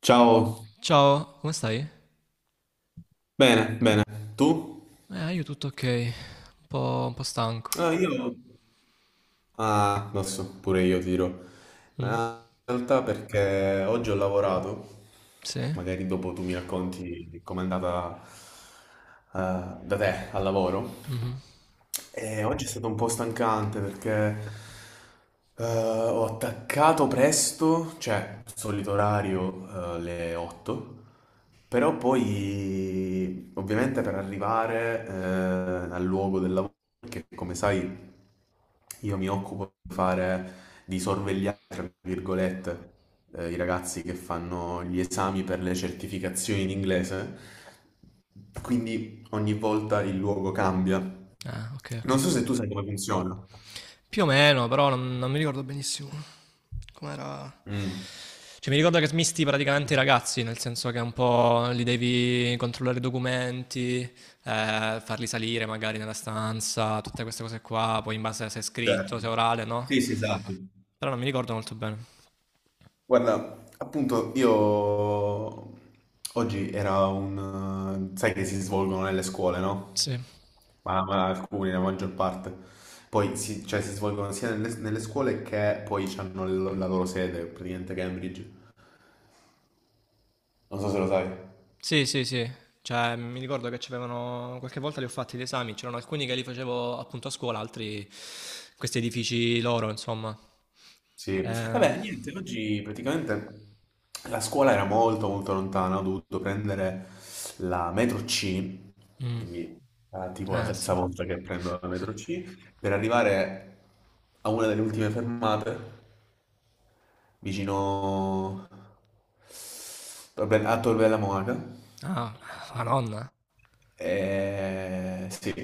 Ciao, Ciao, come stai? bene, bene. Tu? Io tutto ok, un po' stanco. Ah, io. Ah, lo so, pure io tiro. Mm? Ma in realtà perché oggi ho lavorato, Sì? magari dopo tu mi racconti com'è andata da te al lavoro. Mhm. E oggi è stato un po' stancante perché ho attaccato presto, cioè solito orario le 8, però poi ovviamente per arrivare al luogo del lavoro perché come sai io mi occupo di fare, di sorvegliare, tra virgolette, i ragazzi che fanno gli esami per le certificazioni in inglese, quindi ogni volta il luogo cambia. Ah, ok, ok. Non so se tu sai come funziona. Più o meno, però non mi ricordo benissimo com'era. Mm, Cioè, mi ricordo che smisti praticamente i ragazzi, nel senso che un po' li devi controllare i documenti, farli salire magari nella stanza, tutte queste cose qua, poi in base a se è scritto, se è certo. orale, no? Sì, sì, esatto. Però non mi ricordo molto bene. Guarda, appunto, io oggi era un... sai che si svolgono nelle scuole, no? Sì. Ma alcuni, la maggior parte. Poi si, cioè, si svolgono sia nelle scuole che poi hanno la loro sede, praticamente Cambridge. Non so se lo sai. Sì, sì, sì. Cioè, mi ricordo che c'avevano qualche volta li ho fatti gli esami, c'erano alcuni che li facevo appunto a scuola, altri questi edifici loro, insomma. Sì. Eh, Vabbè, niente, oggi praticamente la scuola era molto molto lontana, ho dovuto prendere la metro C, mm, quindi tipo la ah, terza sì. volta che prendo la metro C, per arrivare a una delle ultime fermate, vicino a Tor Bella Monaca. Ah, la nonna. Sì.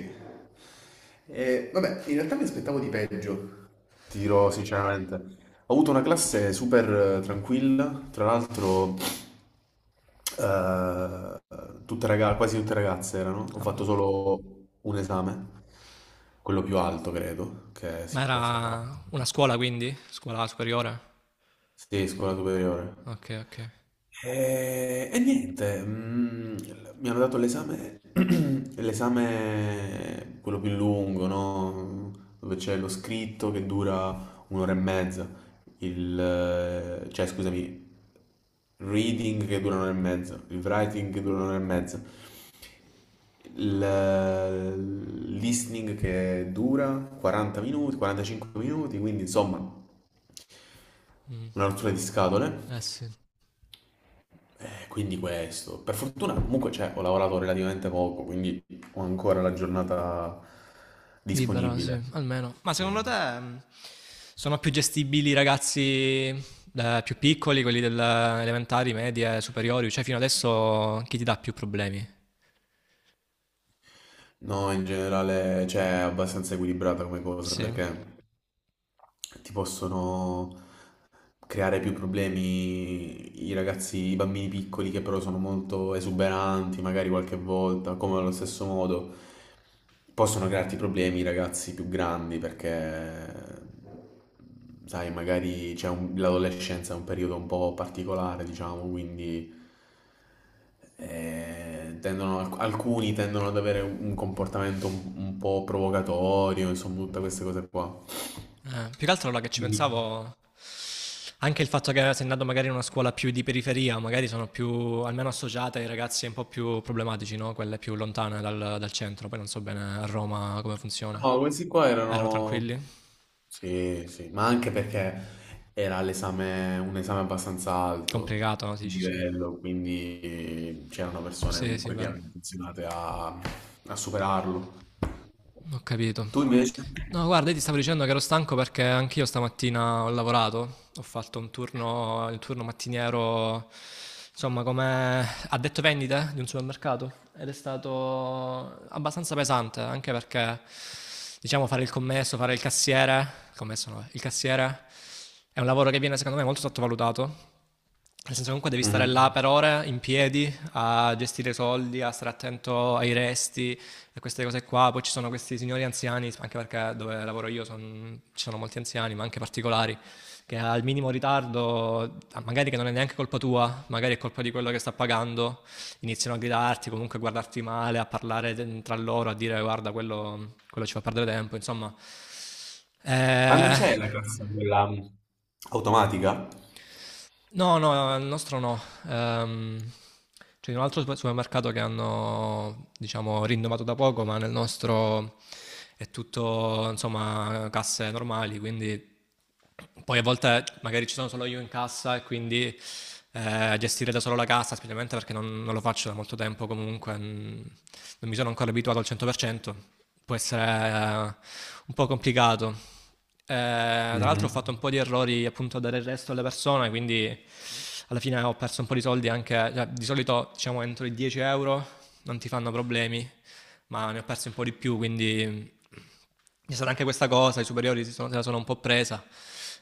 Vabbè, in realtà mi aspettavo di peggio, ti dirò sinceramente. Ho avuto una classe super tranquilla, tra l'altro eh, tutte quasi tutte ragazze erano, ho Vabbè. fatto solo un esame, quello più alto credo che si Ma possa fare. era una scuola quindi? Scuola superiore? Sì, scuola superiore. Ok, ok. E niente, mi hanno dato l'esame, l'esame quello più lungo, no? Dove c'è lo scritto che dura un'ora e mezza, cioè scusami, reading che dura un'ora e mezza, il writing che dura un'ora e mezza, il listening che dura 40 minuti, 45 minuti, quindi insomma Mm. una rottura di Eh scatole. sì. Quindi questo, per fortuna comunque cioè, ho lavorato relativamente poco, quindi ho ancora la giornata Libera, sì, disponibile. almeno. Ma Sì. secondo te, sono più gestibili i ragazzi più piccoli, quelli delle elementari, medie, superiori? Cioè, fino adesso chi ti dà più problemi? No, in generale, cioè, è abbastanza equilibrata come cosa Sì. perché ti possono creare più problemi i ragazzi, i bambini piccoli che però sono molto esuberanti, magari qualche volta, come allo stesso modo. Possono crearti problemi i ragazzi più grandi perché, sai, magari c'è l'adolescenza è un periodo un po' particolare, diciamo, quindi alcuni tendono ad avere un comportamento un po' provocatorio, insomma, tutte queste cose qua. Più che altro allora che ci Quindi. pensavo, anche il fatto che sei andato magari in una scuola più di periferia, magari sono più, almeno associate ai ragazzi un po' più problematici, no? Quelle più lontane dal centro, poi non so bene a Roma come funziona. No, questi qua Erano erano... tranquilli? Sì, sì, ma anche perché era l'esame, un esame abbastanza alto Complicato, no? Ti di Dici, sì. livello, quindi c'erano persone Sì, sì, comunque che vero. erano intenzionate a, superarlo. Ho capito. Tu invece? No, guarda, io ti stavo dicendo che ero stanco perché anch'io stamattina ho lavorato, ho fatto un turno, il turno mattiniero, insomma, come addetto vendite di un supermercato ed è stato abbastanza pesante, anche perché, diciamo, fare il commesso, fare il cassiere, il commesso no, il cassiere è un lavoro che viene secondo me molto sottovalutato, nel senso comunque devi stare là Mhm. per ore in piedi a gestire soldi, a stare attento ai resti e queste cose qua. Poi ci sono questi signori anziani, anche perché dove lavoro io son- ci sono molti anziani, ma anche particolari, che al minimo ritardo, ah, magari che non è neanche colpa tua, magari è colpa di quello che sta pagando, iniziano a gridarti, comunque a guardarti male, a parlare de- tra loro, a dire guarda quello, quello ci fa perdere tempo, insomma. Ma non Eh, c'è la classe quella automatica? No, no, il nostro no. Ehm, C'è un altro super- supermercato che hanno, diciamo, rinnovato da poco, ma nel nostro è tutto, insomma, casse normali, quindi poi a volte magari ci sono solo io in cassa e quindi gestire da solo la cassa, specialmente perché non lo faccio da molto tempo comunque, mm, non mi sono ancora abituato al 100%, può essere, un po' complicato. Eh, Tra l'altro ho Mhm. fatto un po' di errori appunto a dare il resto alle persone, quindi alla fine ho perso un po' di soldi anche, cioè, di solito diciamo entro i 10 euro non ti fanno problemi, ma ne ho persi un po' di più, quindi c'è stata anche questa cosa, i superiori si sono- se la sono un po' presa,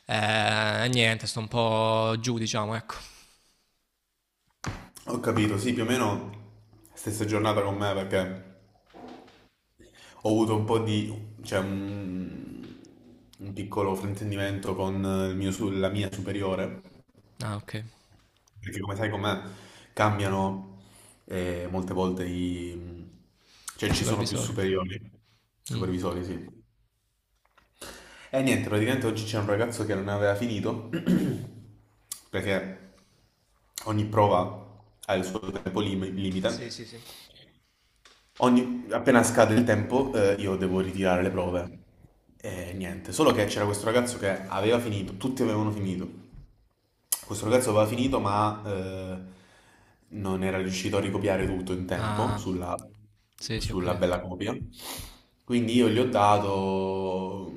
eh, niente, sto un po' giù diciamo, ecco. Ho capito, sì, più o meno stessa giornata con me perché... Ho avuto un po' di, cioè, un piccolo fraintendimento con il mio la mia superiore, Ah ok, perché come sai com'è, cambiano molte volte i... cioè i ci sono più supervisori. superiori, Mm. supervisori, sì. E niente, praticamente oggi c'è un ragazzo che non aveva finito, perché ogni prova ha il suo tempo lim- Sì, limite, sì, sì. Appena scade il tempo, io devo ritirare le prove. E niente, solo che c'era questo ragazzo che aveva finito, tutti avevano finito. Questo ragazzo aveva finito, ma non era riuscito a ricopiare tutto in tempo Ah, sulla, sì, sì, ho sulla capito. bella copia. Quindi io gli ho dato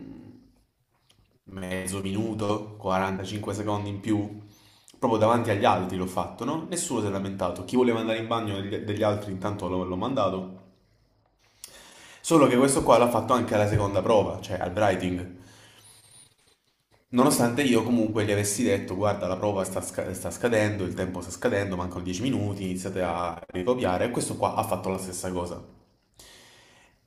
mezzo minuto, 45 secondi in più, proprio davanti agli altri l'ho fatto, no? Nessuno si è lamentato. Chi voleva andare in bagno degli altri intanto l'ho mandato. Solo che questo qua l'ha fatto anche alla seconda prova, cioè al Brighting. Nonostante io comunque gli avessi detto, guarda, la prova sta scadendo, il tempo sta scadendo, mancano 10 minuti, iniziate a ricopiare, e questo qua ha fatto la stessa cosa.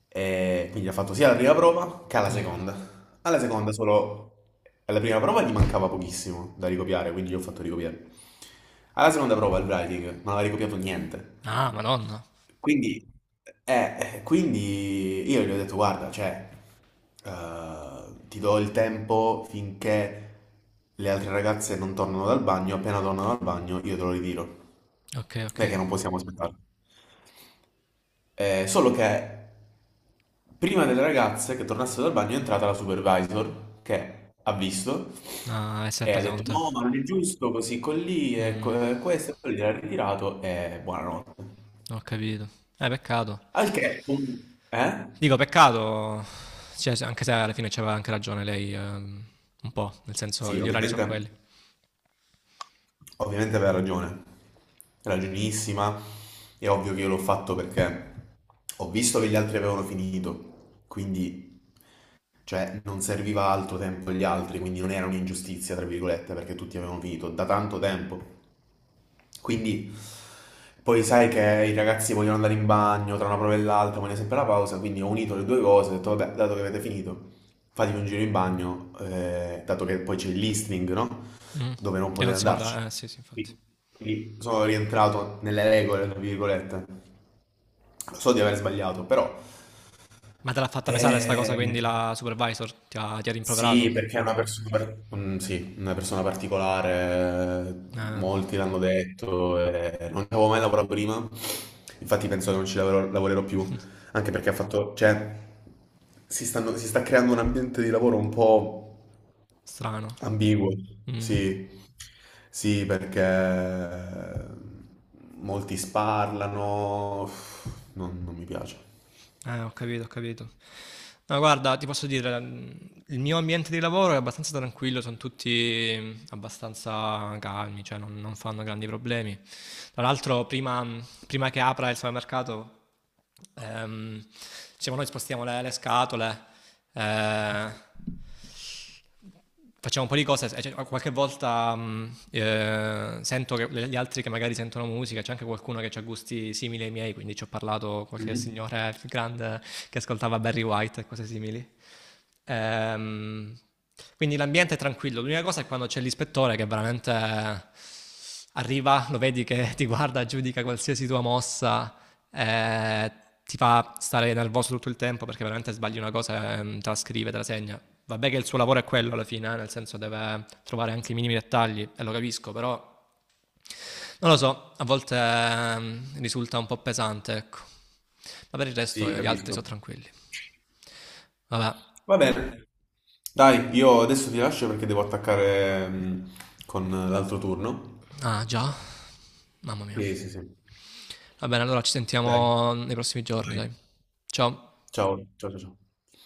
E quindi ha fatto sia la prima prova che alla Mm. seconda. Alla seconda solo, alla prima prova gli mancava pochissimo da ricopiare, quindi gli ho fatto ricopiare. Alla seconda prova il writing non aveva ricopiato niente. Ah, madonna. Quindi, quindi io gli ho detto, guarda, cioè, ti do il tempo finché le altre ragazze non tornano dal bagno, appena tornano dal bagno io te lo ritiro, Ok, ok. perché non possiamo aspettare. Solo che prima delle ragazze che tornassero dal bagno è entrata la supervisor che ha visto Ah, e si è e ha presa con detto te. no, ma non è giusto così con lì, e Mm, e questo, e poi l'ha ritirato e buonanotte. ho capito. Peccato. Al che, eh? Dico, peccato, cioè, se- anche se alla fine c'aveva anche ragione lei, un po', nel senso, Sì, gli orari sono ovviamente. quelli. Ovviamente aveva ragione, ragionissima. È ovvio che io l'ho fatto perché ho visto che gli altri avevano finito, quindi cioè non serviva altro tempo agli altri, quindi non era un'ingiustizia, tra virgolette, perché tutti avevano finito da tanto tempo. Quindi poi sai che i ragazzi vogliono andare in bagno tra una prova e l'altra, vogliono sempre la pausa, quindi ho unito le due cose, ho detto vabbè, dato che avete finito, fatevi un giro in bagno, dato che poi c'è il listening, no? Mm. Dove non Che non potevi si può andare, andarci. Sì, sì, infatti. Quindi quindi sono rientrato nelle regole, tra virgolette. Lo so di aver sbagliato, però... Ma te l'ha fatta pesare sta cosa, quindi eh, la supervisor ti ha sì, rimproverato? perché è una persona, mm, sì, una persona particolare, Eh, molti l'hanno detto, non ci avevo mai lavorato prima, infatti penso che non ci lavorerò, più, anche perché ha fatto, cioè, si sta creando un ambiente di lavoro un po'... strano. Ambiguo, Mm. sì, sì, perché molti sparlano, non mi piace. Ho capito, ho capito. No, guarda, ti posso dire, il mio ambiente di lavoro è abbastanza tranquillo, sono tutti abbastanza calmi, cioè non fanno grandi problemi. Tra l'altro, prima, prima che apra il supermercato, ehm, diciamo, noi spostiamo le scatole, eh, facciamo un po' di cose, cioè, qualche volta sento che le- gli altri che magari sentono musica, c'è anche qualcuno che ha gusti simili ai miei, quindi ci ho parlato qualche Mhm. signore grande che ascoltava Barry White e cose simili. Ehm, quindi l'ambiente è tranquillo, l'unica cosa è quando c'è l'ispettore che veramente arriva, lo vedi che ti guarda, giudica qualsiasi tua mossa, eh, ti fa stare nervoso tutto il tempo perché veramente sbagli una cosa, te la scrive, te la segna. Vabbè che il suo lavoro è quello alla fine, nel senso deve trovare anche i minimi dettagli, e lo capisco, però non lo so, a volte risulta un po' pesante, ecco. Ma per il resto Sì, io- gli altri capisco. sono tranquilli. Vabbè, Va bene. Dai, io adesso ti lascio perché devo attaccare con l'altro turno. ah già, mamma mia. Sì, sì, sì. Va bene, allora ci Dai, sentiamo nei prossimi giorni, vai. dai. Ciao. Ciao, ciao, ciao. Ciao.